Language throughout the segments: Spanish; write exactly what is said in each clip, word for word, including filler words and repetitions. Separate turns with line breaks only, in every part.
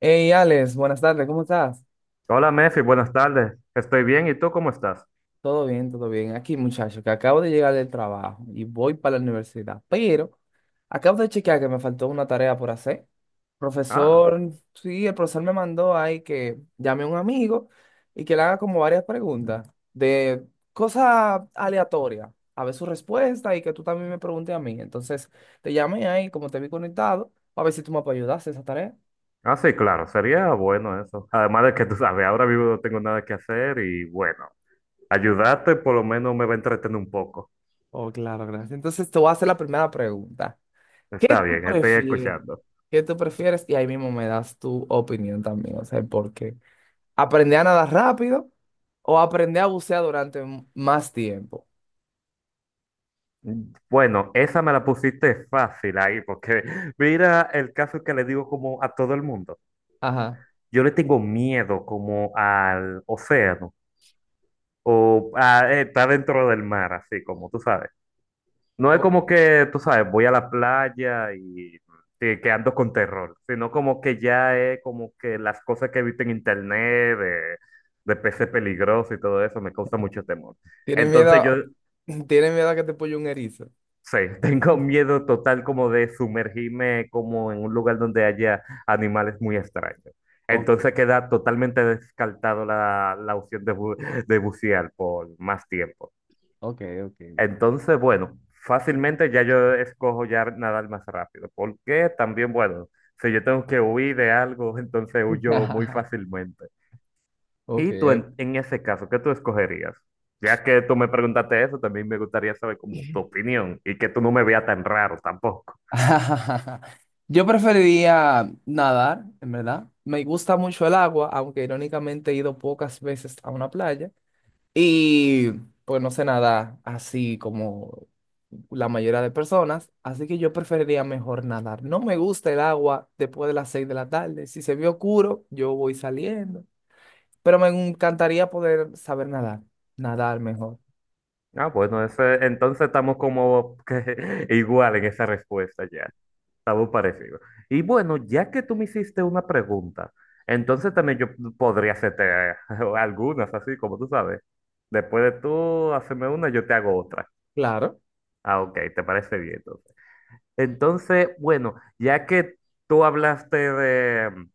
Hey, Alex, buenas tardes, ¿cómo estás?
Hola, Mefi, buenas tardes. Estoy bien, ¿y tú cómo estás?
Todo bien, todo bien. Aquí, muchacho, que acabo de llegar del trabajo y voy para la universidad, pero acabo de chequear que me faltó una tarea por hacer.
Ah,
Profesor, sí, el profesor me mandó ahí que llame a un amigo y que le haga como varias preguntas de cosas aleatorias, a ver su respuesta y que tú también me preguntes a mí. Entonces, te llamé ahí, como te vi conectado, a ver si tú me puedes ayudar a hacer esa tarea.
ah, sí, claro, sería bueno eso. Además de que tú sabes, ahora mismo no tengo nada que hacer y bueno, ayudarte por lo menos me va a entretener un poco.
Oh, claro, gracias. Entonces, te voy a hacer la primera pregunta. ¿Qué
Está
tú
bien, estoy
prefieres?
escuchando.
¿Qué tú prefieres? Y ahí mismo me das tu opinión también, o sea, ¿por qué? ¿Aprender a nadar rápido o aprender a bucear durante m- más tiempo?
Bueno, esa me la pusiste fácil ahí, porque mira el caso que le digo como a todo el mundo.
Ajá.
Yo le tengo miedo como al océano. O ah, eh, está dentro del mar, así como tú sabes. No es
O-
como que, tú sabes, voy a la playa y te- que ando con terror, sino como que ya es como que las cosas que he visto en internet de, de peces peligrosos y todo eso me causa mucho temor.
¿Tienes miedo,
Entonces
a-
yo,
tienes miedo a que te pulle un erizo?
sí, tengo miedo total como de sumergirme como en un lugar donde haya animales muy extraños.
Ok,
Entonces queda totalmente descartado la, la opción de, bu- de bucear por más tiempo.
ok, ok.
Entonces, bueno, fácilmente ya yo escojo ya nadar más rápido, porque también, bueno, si yo tengo que huir de algo, entonces huyo muy fácilmente.
Ok,
¿Y tú
ok.
en, en ese caso, qué tú escogerías? Ya que tú me preguntaste eso, también me gustaría saber como tu opinión y que tú no me veas tan raro tampoco.
Yo preferiría nadar, en verdad. Me gusta mucho el agua, aunque irónicamente he ido pocas veces a una playa. Y pues no sé nadar así como la mayoría de personas, así que yo preferiría mejor nadar. No me gusta el agua después de las seis de la tarde. Si se ve oscuro, yo voy saliendo. Pero me encantaría poder saber nadar, nadar mejor.
Ah, bueno, ese- entonces estamos como que igual en esa respuesta ya. Algo parecido. Y bueno, ya que tú me hiciste una pregunta, entonces también yo podría hacerte eh, algunas, así como tú sabes. Después de tú hacerme una, yo te hago otra.
Claro.
Ah, ok, te parece bien. Entonces, bueno, ya que tú hablaste de, mm,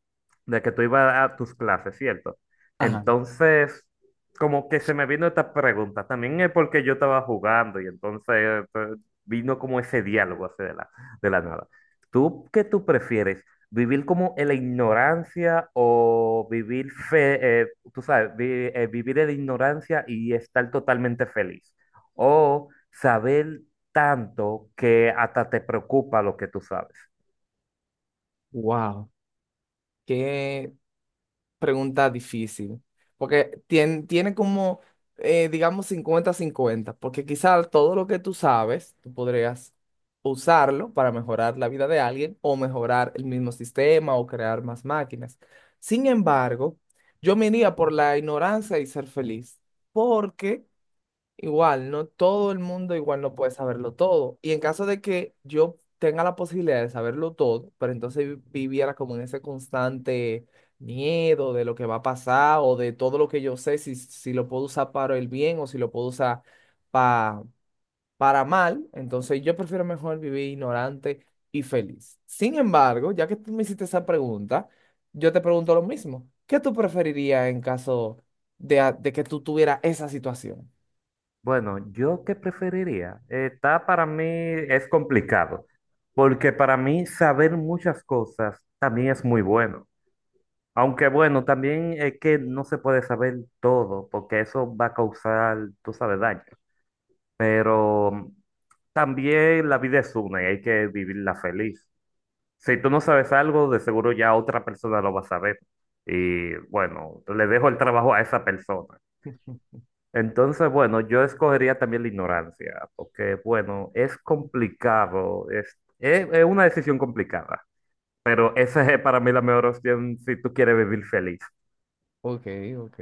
de que tú ibas a tus clases, ¿cierto?
Ajá.
Entonces, como que se me vino esta pregunta, también es porque yo estaba jugando y entonces eh, vino como ese diálogo así de la, de la nada. ¿Tú qué tú prefieres? ¿Vivir como en la ignorancia o vivir fe, eh, tú sabes, vi- eh, vivir en la ignorancia y estar totalmente feliz? O saber tanto que hasta te preocupa lo que tú sabes.
Wow, qué pregunta difícil, porque tiene, tiene como, eh, digamos, cincuenta-cincuenta, porque quizás todo lo que tú sabes, tú podrías usarlo para mejorar la vida de alguien o mejorar el mismo sistema o crear más máquinas. Sin embargo, yo me iría por la ignorancia y ser feliz, porque igual, no todo el mundo igual no puede saberlo todo. Y en caso de que yo tenga la posibilidad de saberlo todo, pero entonces vi- viviera como en ese constante miedo de lo que va a pasar o de todo lo que yo sé, si, si lo puedo usar para el bien o si lo puedo usar pa- para mal, entonces yo prefiero mejor vivir ignorante y feliz. Sin embargo, ya que tú me hiciste esa pregunta, yo te pregunto lo mismo. ¿Qué tú preferirías en caso de, a- de que tú tuvieras esa situación?
Bueno, yo qué preferiría. Eh, Está para mí es complicado, porque para mí saber muchas cosas también es muy bueno. Aunque bueno, también es que no se puede saber todo, porque eso va a causar, tú sabes, daño. Pero mm, también la vida es una y hay que vivirla feliz. Si tú no sabes algo, de seguro ya otra persona lo va a saber. Y bueno, le dejo el trabajo a esa persona. Entonces, bueno, yo escogería también la ignorancia, porque, bueno, es complicado, es, es, es una decisión complicada, pero esa es para mí la mejor opción si tú quieres vivir feliz.
Ok, ok.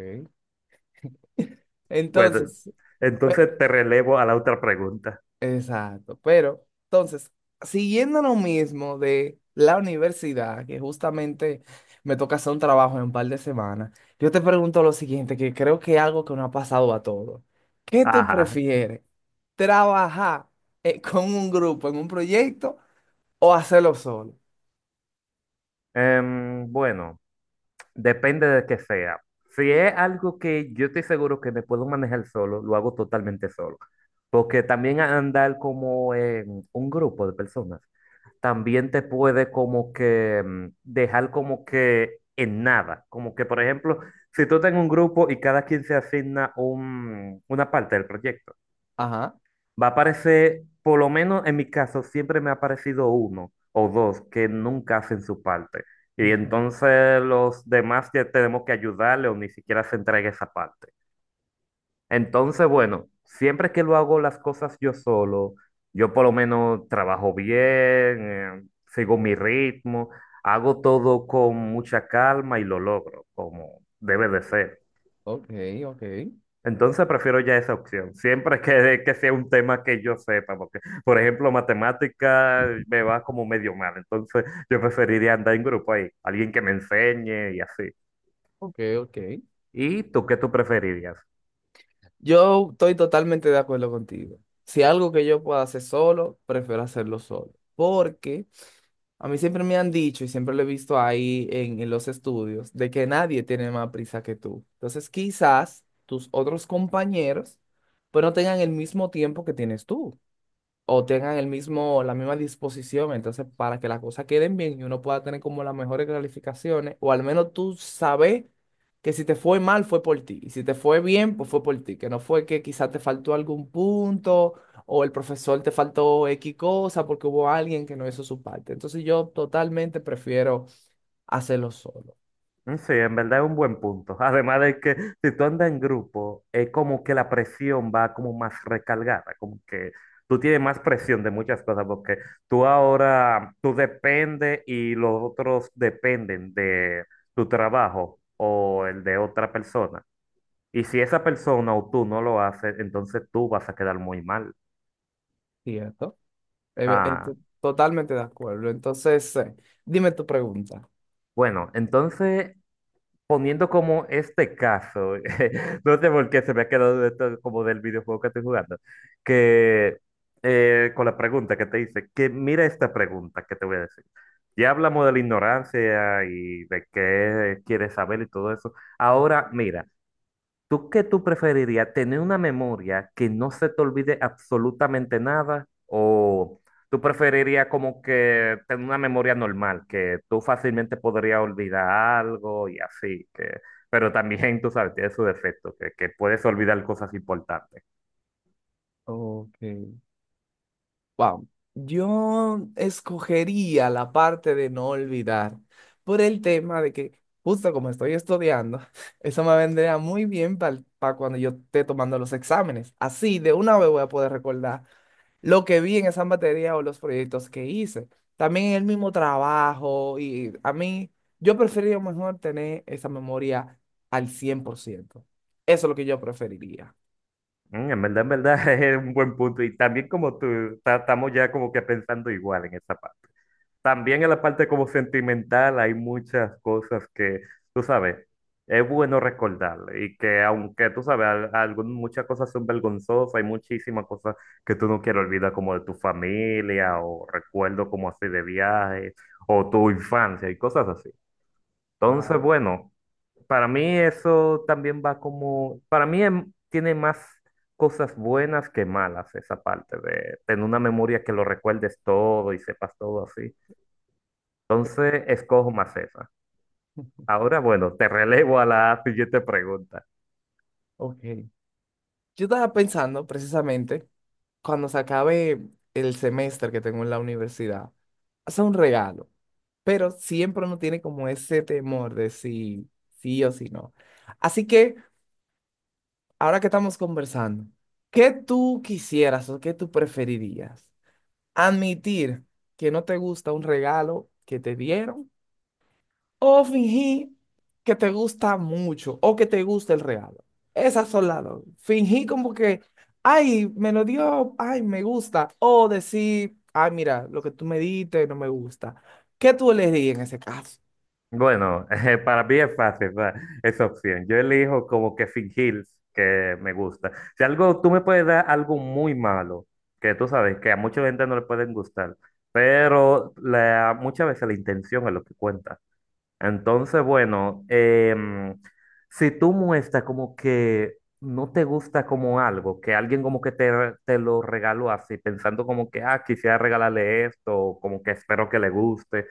Bueno,
Entonces, pe-
entonces te relevo a la otra pregunta.
exacto, pero entonces, siguiendo lo mismo de la universidad, que justamente me toca hacer un trabajo en un par de semanas, yo te pregunto lo siguiente, que creo que es algo que nos ha pasado a todos. ¿Qué tú
Ajá.
prefieres? ¿Trabajar eh, con un grupo en un proyecto o hacerlo solo?
Em, bueno. Depende de qué sea. Si es algo que yo estoy seguro que me puedo manejar solo, lo hago totalmente solo. Porque también a- andar como en un grupo de personas, también te puede como que mm, dejar como que en nada. Como que, por ejemplo, si tú estás en un grupo y cada quien se asigna un, una parte del proyecto.
Ajá.
Va a aparecer, por lo menos en mi caso, siempre me ha aparecido uno o dos que nunca hacen su parte. Y entonces los demás ya tenemos que ayudarle o ni siquiera se entrega esa parte. Entonces, bueno, siempre que lo hago las cosas yo solo, yo por lo menos trabajo bien, eh, sigo mi ritmo, hago todo con mucha calma y lo logro, como debe de ser.
Ok, ok,
Entonces prefiero ya esa opción, siempre que, que sea un tema que yo sepa, porque, por ejemplo, matemática me va como medio mal, entonces yo preferiría andar en grupo ahí, alguien que me enseñe y así.
ok, ok.
¿Y tú qué tú preferirías?
Yo estoy totalmente de acuerdo contigo. Si algo que yo pueda hacer solo, prefiero hacerlo solo. Porque a mí siempre me han dicho y siempre lo he visto ahí en, en los estudios de que nadie tiene más prisa que tú. Entonces quizás tus otros compañeros pues no tengan el mismo tiempo que tienes tú o tengan el mismo, la misma disposición, entonces para que las cosas queden bien y uno pueda tener como las mejores calificaciones, o al menos tú sabes que si te fue mal fue por ti, y si te fue bien, pues fue por ti, que no fue que quizás te faltó algún punto o el profesor te faltó X cosa porque hubo alguien que no hizo su parte. Entonces yo totalmente prefiero hacerlo solo.
Mm, Sí, en verdad es un buen punto. Además de que si tú andas en grupo, es como que la presión va como más recargada, como que tú tienes más presión de muchas cosas, porque tú ahora, tú dependes y los otros dependen de tu trabajo o el de otra persona. Y si esa persona o tú no lo haces, entonces tú vas a quedar muy mal.
¿Cierto? Eh, eh,
Ah,
to- totalmente de acuerdo. Entonces, eh, dime tu pregunta.
bueno, entonces poniendo como este caso, no sé por qué se me ha quedado esto como del videojuego que estoy jugando, que eh, con la pregunta que te hice, que mira esta pregunta que te voy a decir. Ya hablamos de la ignorancia y de qué quieres saber y todo eso. Ahora, mira, ¿tú qué tú preferirías? ¿Tener una memoria que no se te olvide absolutamente nada? ¿O tú preferirías como que tener una memoria normal, que tú fácilmente podrías olvidar algo y así? Que, pero también, tú sabes, tiene su defecto, que, que puedes olvidar cosas importantes.
Ok. Wow. Yo escogería la parte de no olvidar por el tema de que justo como estoy estudiando, eso me vendría muy bien para cuando yo esté tomando los exámenes. Así de una vez voy a poder recordar lo que vi en esas materias o los proyectos que hice. También el mismo trabajo y a mí, yo preferiría mejor tener esa memoria al cien por ciento. Eso es lo que yo preferiría.
Mm, en verdad, en verdad, es un buen punto. Y también como tú, ta- estamos ya como que pensando igual en esa parte. También en la parte como sentimental hay muchas cosas que, tú sabes, es bueno recordar y que aunque tú sabes, al- algún- muchas cosas son vergonzosas, hay muchísimas cosas que tú no quieres olvidar como de tu familia o recuerdos como así de viajes o tu infancia y cosas así. Entonces,
Claro.
bueno, para mí eso también va como, para mí em- tiene más cosas buenas que malas esa parte de tener una memoria que lo recuerdes todo y sepas todo así. Entonces, escojo Maceta. Ahora, bueno, te relevo a la siguiente pregunta.
Ok. Yo estaba pensando precisamente cuando se acabe el semestre que tengo en la universidad, hacer un regalo, pero siempre uno tiene como ese temor de si sí o si no. Así que ahora que estamos conversando, ¿qué tú quisieras o qué tú preferirías? ¿Admitir que no te gusta un regalo que te dieron o fingir que te gusta mucho o que te gusta el regalo? Esas son las dos. Fingir como que, ay, me lo dio, ay, me gusta. O decir, ay, mira, lo que tú me diste no me gusta. ¿Qué tú elegirías en ese caso?
Bueno, eh, para mí es fácil, ¿verdad? Esa opción, yo elijo como que fingir que me gusta. Si algo, tú me puedes dar algo muy malo, que tú sabes que a mucha gente no le pueden gustar, pero la, muchas veces la intención es lo que cuenta. Entonces, bueno, em, si tú muestras como que no te gusta como algo, que alguien como que te, te lo regaló así, pensando como que, ah, quisiera regalarle esto, o como que espero que le guste,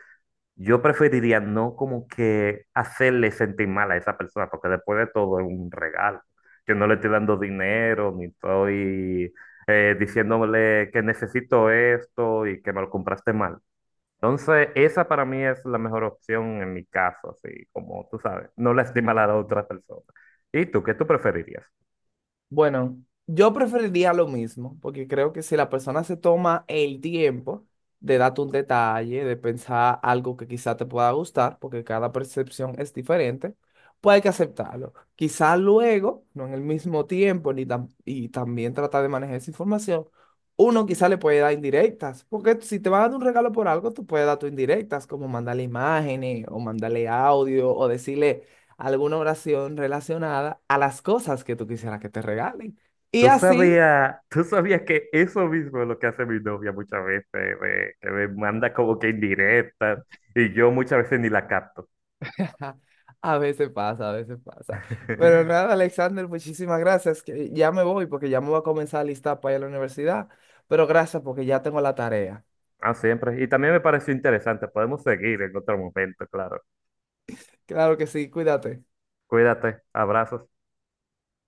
yo preferiría no como que hacerle sentir mal a esa persona, porque después de todo es un regalo. Yo no le estoy dando dinero, ni estoy eh, diciéndole que necesito esto y que me lo compraste mal. Entonces, esa para mí es la mejor opción en mi caso, así como tú sabes, no lastima a la otra persona. ¿Y tú, qué tú preferirías?
Bueno, yo preferiría lo mismo, porque creo que si la persona se toma el tiempo de darte un detalle, de pensar algo que quizá te pueda gustar, porque cada percepción es diferente, pues hay que aceptarlo. Quizá luego, no en el mismo tiempo, ni tam- y también tratar de manejar esa información, uno quizá le puede dar indirectas, porque si te van a dar un regalo por algo, tú puedes dar tus indirectas, como mandarle imágenes, o mandarle audio, o decirle alguna oración relacionada a las cosas que tú quisieras que te regalen. Y
¿Tú
así,
sabías, tú sabías que eso mismo es lo que hace mi novia muchas veces, de- que me manda como que indirectas y yo muchas veces ni la capto?
a veces pasa, a veces pasa. Pero nada, Alexander, muchísimas gracias, que ya me voy porque ya me voy a comenzar a listar para ir a la universidad. Pero gracias porque ya tengo la tarea.
Ah, siempre. Y también me pareció interesante. Podemos seguir en otro momento, claro.
Claro que sí, cuídate.
Cuídate. Abrazos.